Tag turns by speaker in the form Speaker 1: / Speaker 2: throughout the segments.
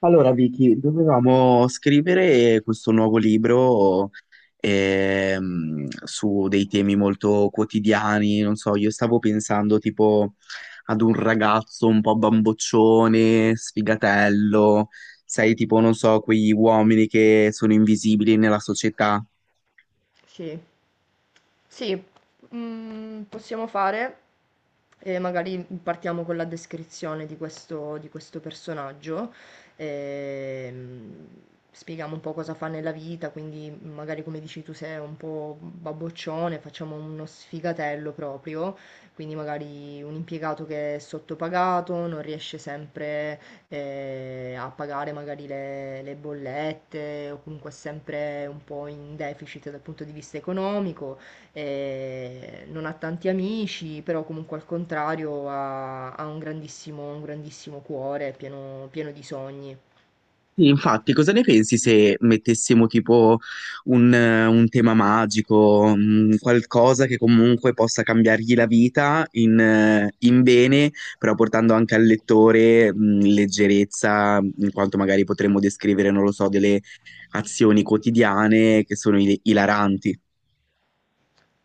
Speaker 1: Allora, Vicky, dovevamo scrivere questo nuovo libro su dei temi molto quotidiani, non so, io stavo pensando tipo ad un ragazzo un po' bamboccione, sfigatello, sai, tipo, non so, quegli uomini che sono invisibili nella società.
Speaker 2: Sì. Sì, possiamo fare e magari partiamo con la descrizione di di questo personaggio. ehm, Spieghiamo un po' cosa fa nella vita, quindi magari come dici tu sei un po' babboccione, facciamo uno sfigatello proprio, quindi magari un impiegato che è sottopagato, non riesce sempre a pagare magari le bollette o comunque è sempre un po' in deficit dal punto di vista economico, non ha tanti amici, però comunque al contrario ha un grandissimo cuore pieno pieno di sogni.
Speaker 1: Sì, infatti, cosa ne pensi se mettessimo tipo un tema magico, qualcosa che comunque possa cambiargli la vita in bene, però portando anche al lettore, leggerezza, in quanto magari potremmo descrivere, non lo so, delle azioni quotidiane che sono ilaranti.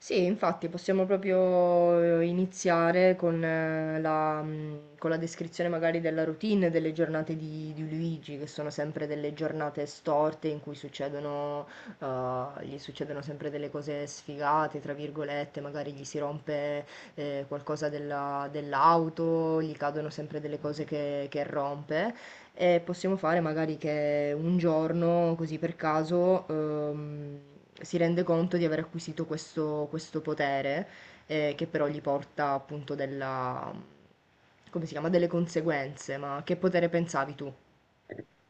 Speaker 2: Sì, infatti possiamo proprio iniziare con con la descrizione magari della routine delle giornate di Luigi, che sono sempre delle giornate storte in cui succedono, gli succedono sempre delle cose sfigate, tra virgolette, magari gli si rompe qualcosa dell'auto, gli cadono sempre delle cose che rompe, e possiamo fare magari che un giorno, così per caso, si rende conto di aver acquisito questo potere, che però gli porta appunto della, come si chiama, delle conseguenze. Ma che potere pensavi tu?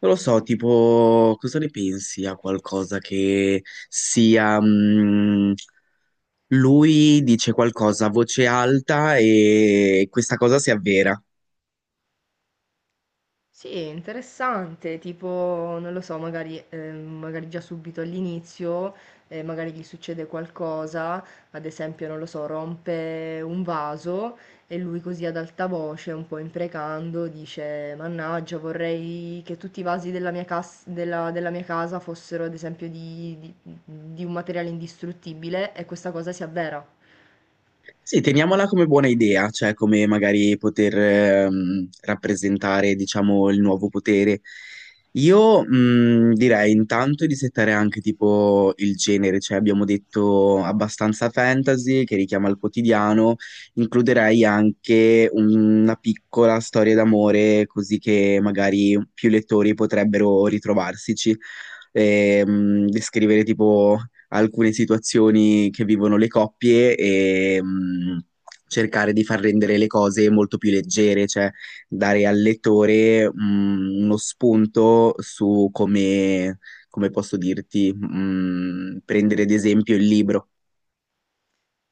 Speaker 1: Non lo so, tipo, cosa ne pensi a qualcosa che sia, lui dice qualcosa a voce alta e questa cosa si avvera.
Speaker 2: Sì, è interessante, tipo, non lo so, magari, magari già subito all'inizio, magari gli succede qualcosa, ad esempio, non lo so, rompe un vaso e lui, così ad alta voce, un po' imprecando, dice: "Mannaggia, vorrei che tutti i vasi della mia casa fossero, ad esempio, di un materiale indistruttibile", e questa cosa si avvera.
Speaker 1: Sì, teniamola come buona idea, cioè come magari poter rappresentare, diciamo, il nuovo potere. Io, direi intanto di settare anche tipo il genere, cioè abbiamo detto abbastanza fantasy che richiama il quotidiano, includerei anche una piccola storia d'amore così che magari più lettori potrebbero ritrovarsici. Descrivere tipo alcune situazioni che vivono le coppie e, cercare di far rendere le cose molto più leggere, cioè dare al lettore, uno spunto su come, come posso dirti, prendere ad esempio il libro.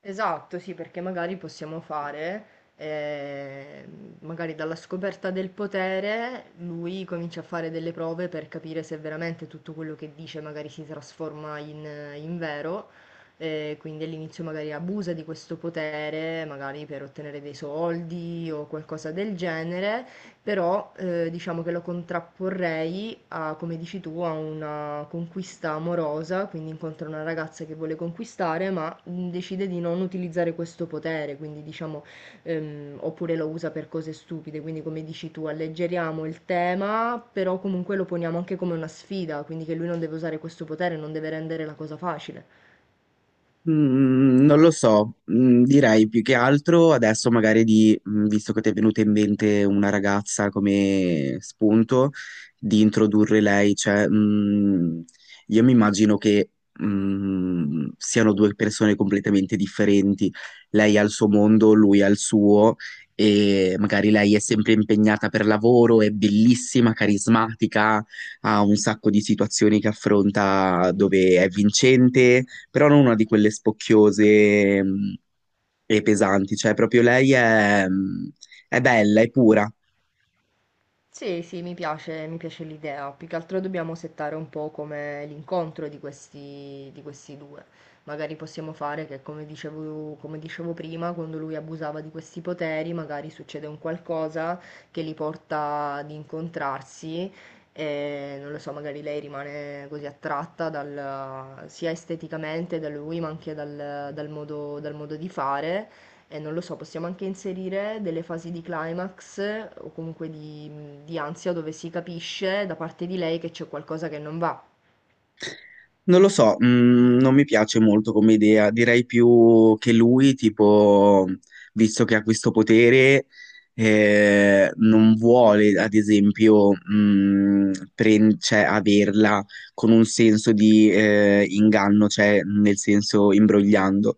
Speaker 2: Esatto, sì, perché magari possiamo fare, eh, magari dalla scoperta del potere lui comincia a fare delle prove per capire se veramente tutto quello che dice magari si trasforma in, in vero, quindi all'inizio magari abusa di questo potere, magari per ottenere dei soldi o qualcosa del genere, però diciamo che lo contrapporrei a, come dici tu, a una conquista amorosa, quindi incontra una ragazza che vuole conquistare, ma decide di non utilizzare questo potere, quindi diciamo, oppure lo usa per cose stupide, quindi come dici tu, alleggeriamo il tema, però comunque lo poniamo anche come una sfida, quindi che lui non deve usare questo potere, non deve rendere la cosa facile.
Speaker 1: Mm, non lo so, mm, direi più che altro adesso magari di, mm, visto che ti è venuta in mente una ragazza come spunto, di introdurre lei, cioè, mm, io mi immagino che, mm, siano due persone completamente differenti, lei ha il suo mondo, lui ha il suo, e magari lei è sempre impegnata per lavoro, è bellissima, carismatica, ha un sacco di situazioni che affronta dove è vincente, però non una di quelle spocchiose, e pesanti, cioè proprio lei è bella, è pura.
Speaker 2: Sì, sì, mi piace l'idea. Più che altro dobbiamo settare un po' come l'incontro di questi due. Magari possiamo fare che, come dicevo prima, quando lui abusava di questi poteri, magari succede un qualcosa che li porta ad incontrarsi e, non lo so, magari lei rimane così attratta sia esteticamente da lui, ma anche dal modo di fare, non lo so, possiamo anche inserire delle fasi di climax, o comunque di ansia, dove si capisce da parte di lei che c'è qualcosa che non va.
Speaker 1: Non lo so, non mi piace molto come idea, direi più che lui, tipo, visto che ha questo potere, non vuole, ad esempio, cioè, averla con un senso di inganno, cioè nel senso imbrogliando.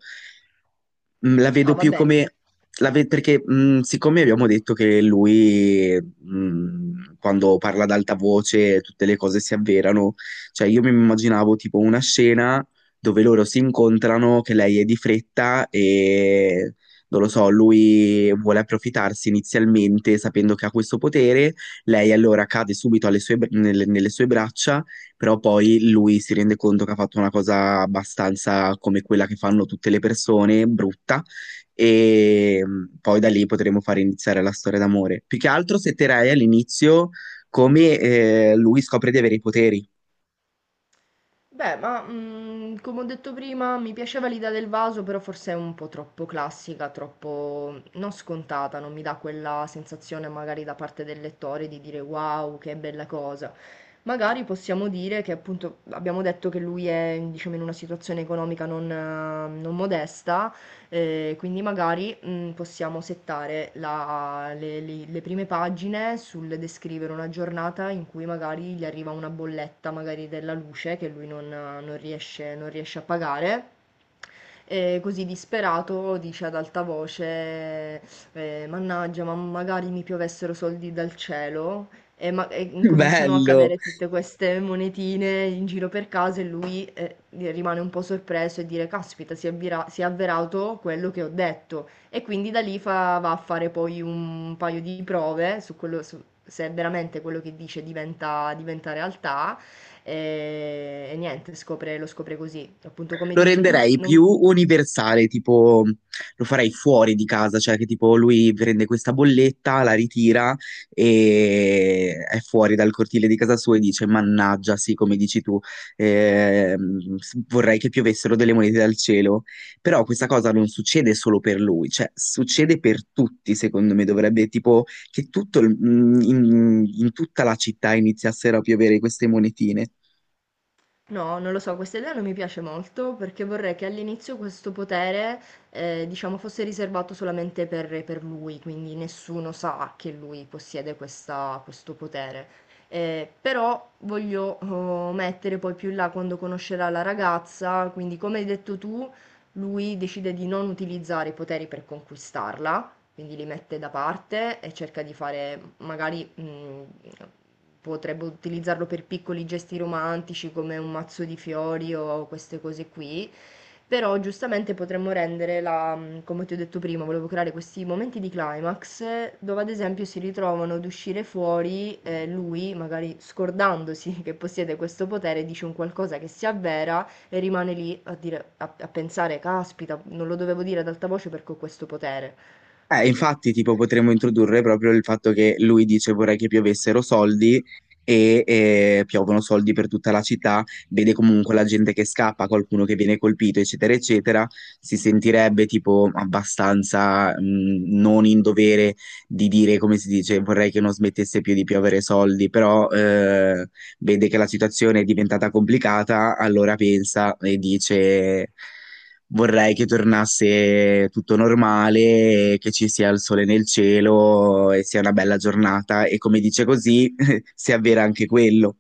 Speaker 1: Mh, la
Speaker 2: No,
Speaker 1: vedo
Speaker 2: va
Speaker 1: più
Speaker 2: bene.
Speaker 1: come... perché, siccome abbiamo detto che lui, quando parla ad alta voce, tutte le cose si avverano, cioè io mi immaginavo tipo una scena dove loro si incontrano, che lei è di fretta e... Non lo so, lui vuole approfittarsi inizialmente sapendo che ha questo potere, lei allora cade subito alle nelle sue braccia, però poi lui si rende conto che ha fatto una cosa abbastanza come quella che fanno tutte le persone, brutta, e, poi da lì potremo fare iniziare la storia d'amore. Più che altro setterei all'inizio come, lui scopre di avere i poteri.
Speaker 2: Beh, ma mm, come ho detto prima, mi piaceva l'idea del vaso, però forse è un po' troppo classica, troppo mm, non scontata, non mi dà quella sensazione magari da parte del lettore di dire wow, che bella cosa. Magari possiamo dire che, appunto, abbiamo detto che lui è, diciamo, in una situazione economica non, non modesta. Quindi magari mm, possiamo settare le prime pagine sul descrivere una giornata in cui magari gli arriva una bolletta, magari della luce, che lui non riesce, non riesce a pagare. E così disperato dice ad alta voce, mannaggia, ma magari mi piovessero soldi dal cielo, e incominciano a
Speaker 1: Bello!
Speaker 2: cadere tutte queste monetine in giro per casa e lui, rimane un po' sorpreso e dire, caspita, si, si è avverato quello che ho detto. E quindi da lì va a fare poi un paio di prove su quello, se veramente quello che dice diventa, diventa realtà. E niente, lo scopre così. Appunto, come
Speaker 1: Lo
Speaker 2: dici tu,
Speaker 1: renderei
Speaker 2: non.
Speaker 1: più universale, tipo lo farei fuori di casa, cioè che tipo lui prende questa bolletta, la ritira e è fuori dal cortile di casa sua e dice: Mannaggia, sì, come dici tu, vorrei che piovessero delle monete dal cielo. Però questa cosa non succede solo per lui, cioè succede per tutti, secondo me, dovrebbe tipo che in tutta la città iniziassero a piovere queste monetine.
Speaker 2: No, non lo so, questa idea non mi piace molto perché vorrei che all'inizio questo potere, diciamo, fosse riservato solamente per lui, quindi nessuno sa che lui possiede questo potere. Però voglio mettere poi più in là, quando conoscerà la ragazza, quindi come hai detto tu, lui decide di non utilizzare i poteri per conquistarla, quindi li mette da parte e cerca di fare, magari potrebbe utilizzarlo per piccoli gesti romantici, come un mazzo di fiori o queste cose qui. Però giustamente potremmo rendere la, come ti ho detto prima, volevo creare questi momenti di climax, dove ad esempio si ritrovano ad uscire fuori, lui magari scordandosi che possiede questo potere, dice un qualcosa che si avvera e rimane lì a, dire, a pensare, caspita, non lo dovevo dire ad alta voce perché ho questo potere.
Speaker 1: Infatti, tipo, potremmo introdurre proprio il fatto che lui dice vorrei che piovessero soldi e, piovono soldi per tutta la città, vede comunque la gente che scappa, qualcuno che viene colpito, eccetera, eccetera, si sentirebbe tipo abbastanza, non in dovere di dire, come si dice, vorrei che non smettesse più di piovere soldi, però, vede che la situazione è diventata complicata, allora pensa e dice... Vorrei che tornasse tutto normale, che ci sia il sole nel cielo e sia una bella giornata e come dice così si avvera anche quello.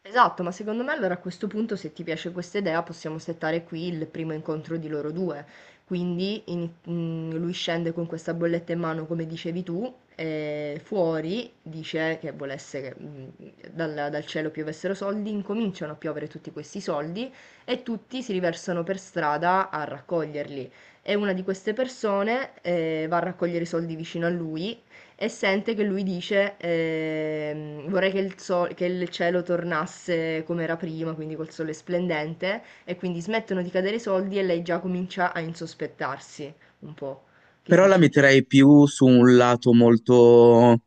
Speaker 2: Esatto, ma secondo me allora a questo punto, se ti piace questa idea, possiamo settare qui il primo incontro di loro due. Quindi lui scende con questa bolletta in mano, come dicevi tu, e fuori dice che volesse che mm, dal cielo piovessero soldi, incominciano a piovere tutti questi soldi e tutti si riversano per strada a raccoglierli. E una di queste persone, va a raccogliere i soldi vicino a lui e sente che lui dice, vorrei che che il cielo tornasse come era prima, quindi col sole splendente, e quindi smettono di cadere i soldi e lei già comincia a insospettarsi un po'. Che
Speaker 1: Però la
Speaker 2: dici?
Speaker 1: metterei più su un lato molto,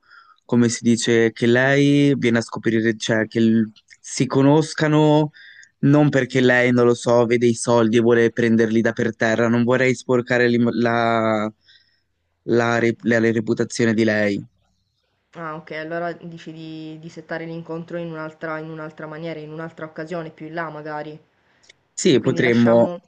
Speaker 1: come si dice, che lei viene a scoprire, cioè si conoscano non perché lei, non lo so, vede i soldi e vuole prenderli da per terra. Non vorrei sporcare la, la reputazione di lei.
Speaker 2: Ah, ok, allora dici di settare l'incontro in un'altra, in un'altra maniera, in un'altra occasione, più in là magari.
Speaker 1: Sì,
Speaker 2: Quindi
Speaker 1: potremmo.
Speaker 2: lasciamo...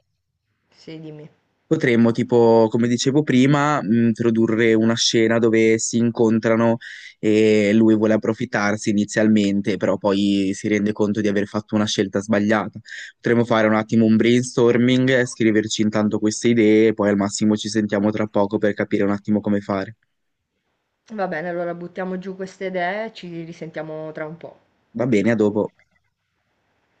Speaker 2: Sì, dimmi.
Speaker 1: Potremmo, tipo, come dicevo prima, introdurre una scena dove si incontrano e lui vuole approfittarsi inizialmente, però poi si rende conto di aver fatto una scelta sbagliata. Potremmo fare un attimo un brainstorming, scriverci intanto queste idee e poi al massimo ci sentiamo tra poco per capire un attimo come fare.
Speaker 2: Va bene, allora buttiamo giù queste idee e ci risentiamo tra un po'.
Speaker 1: Va bene, a dopo.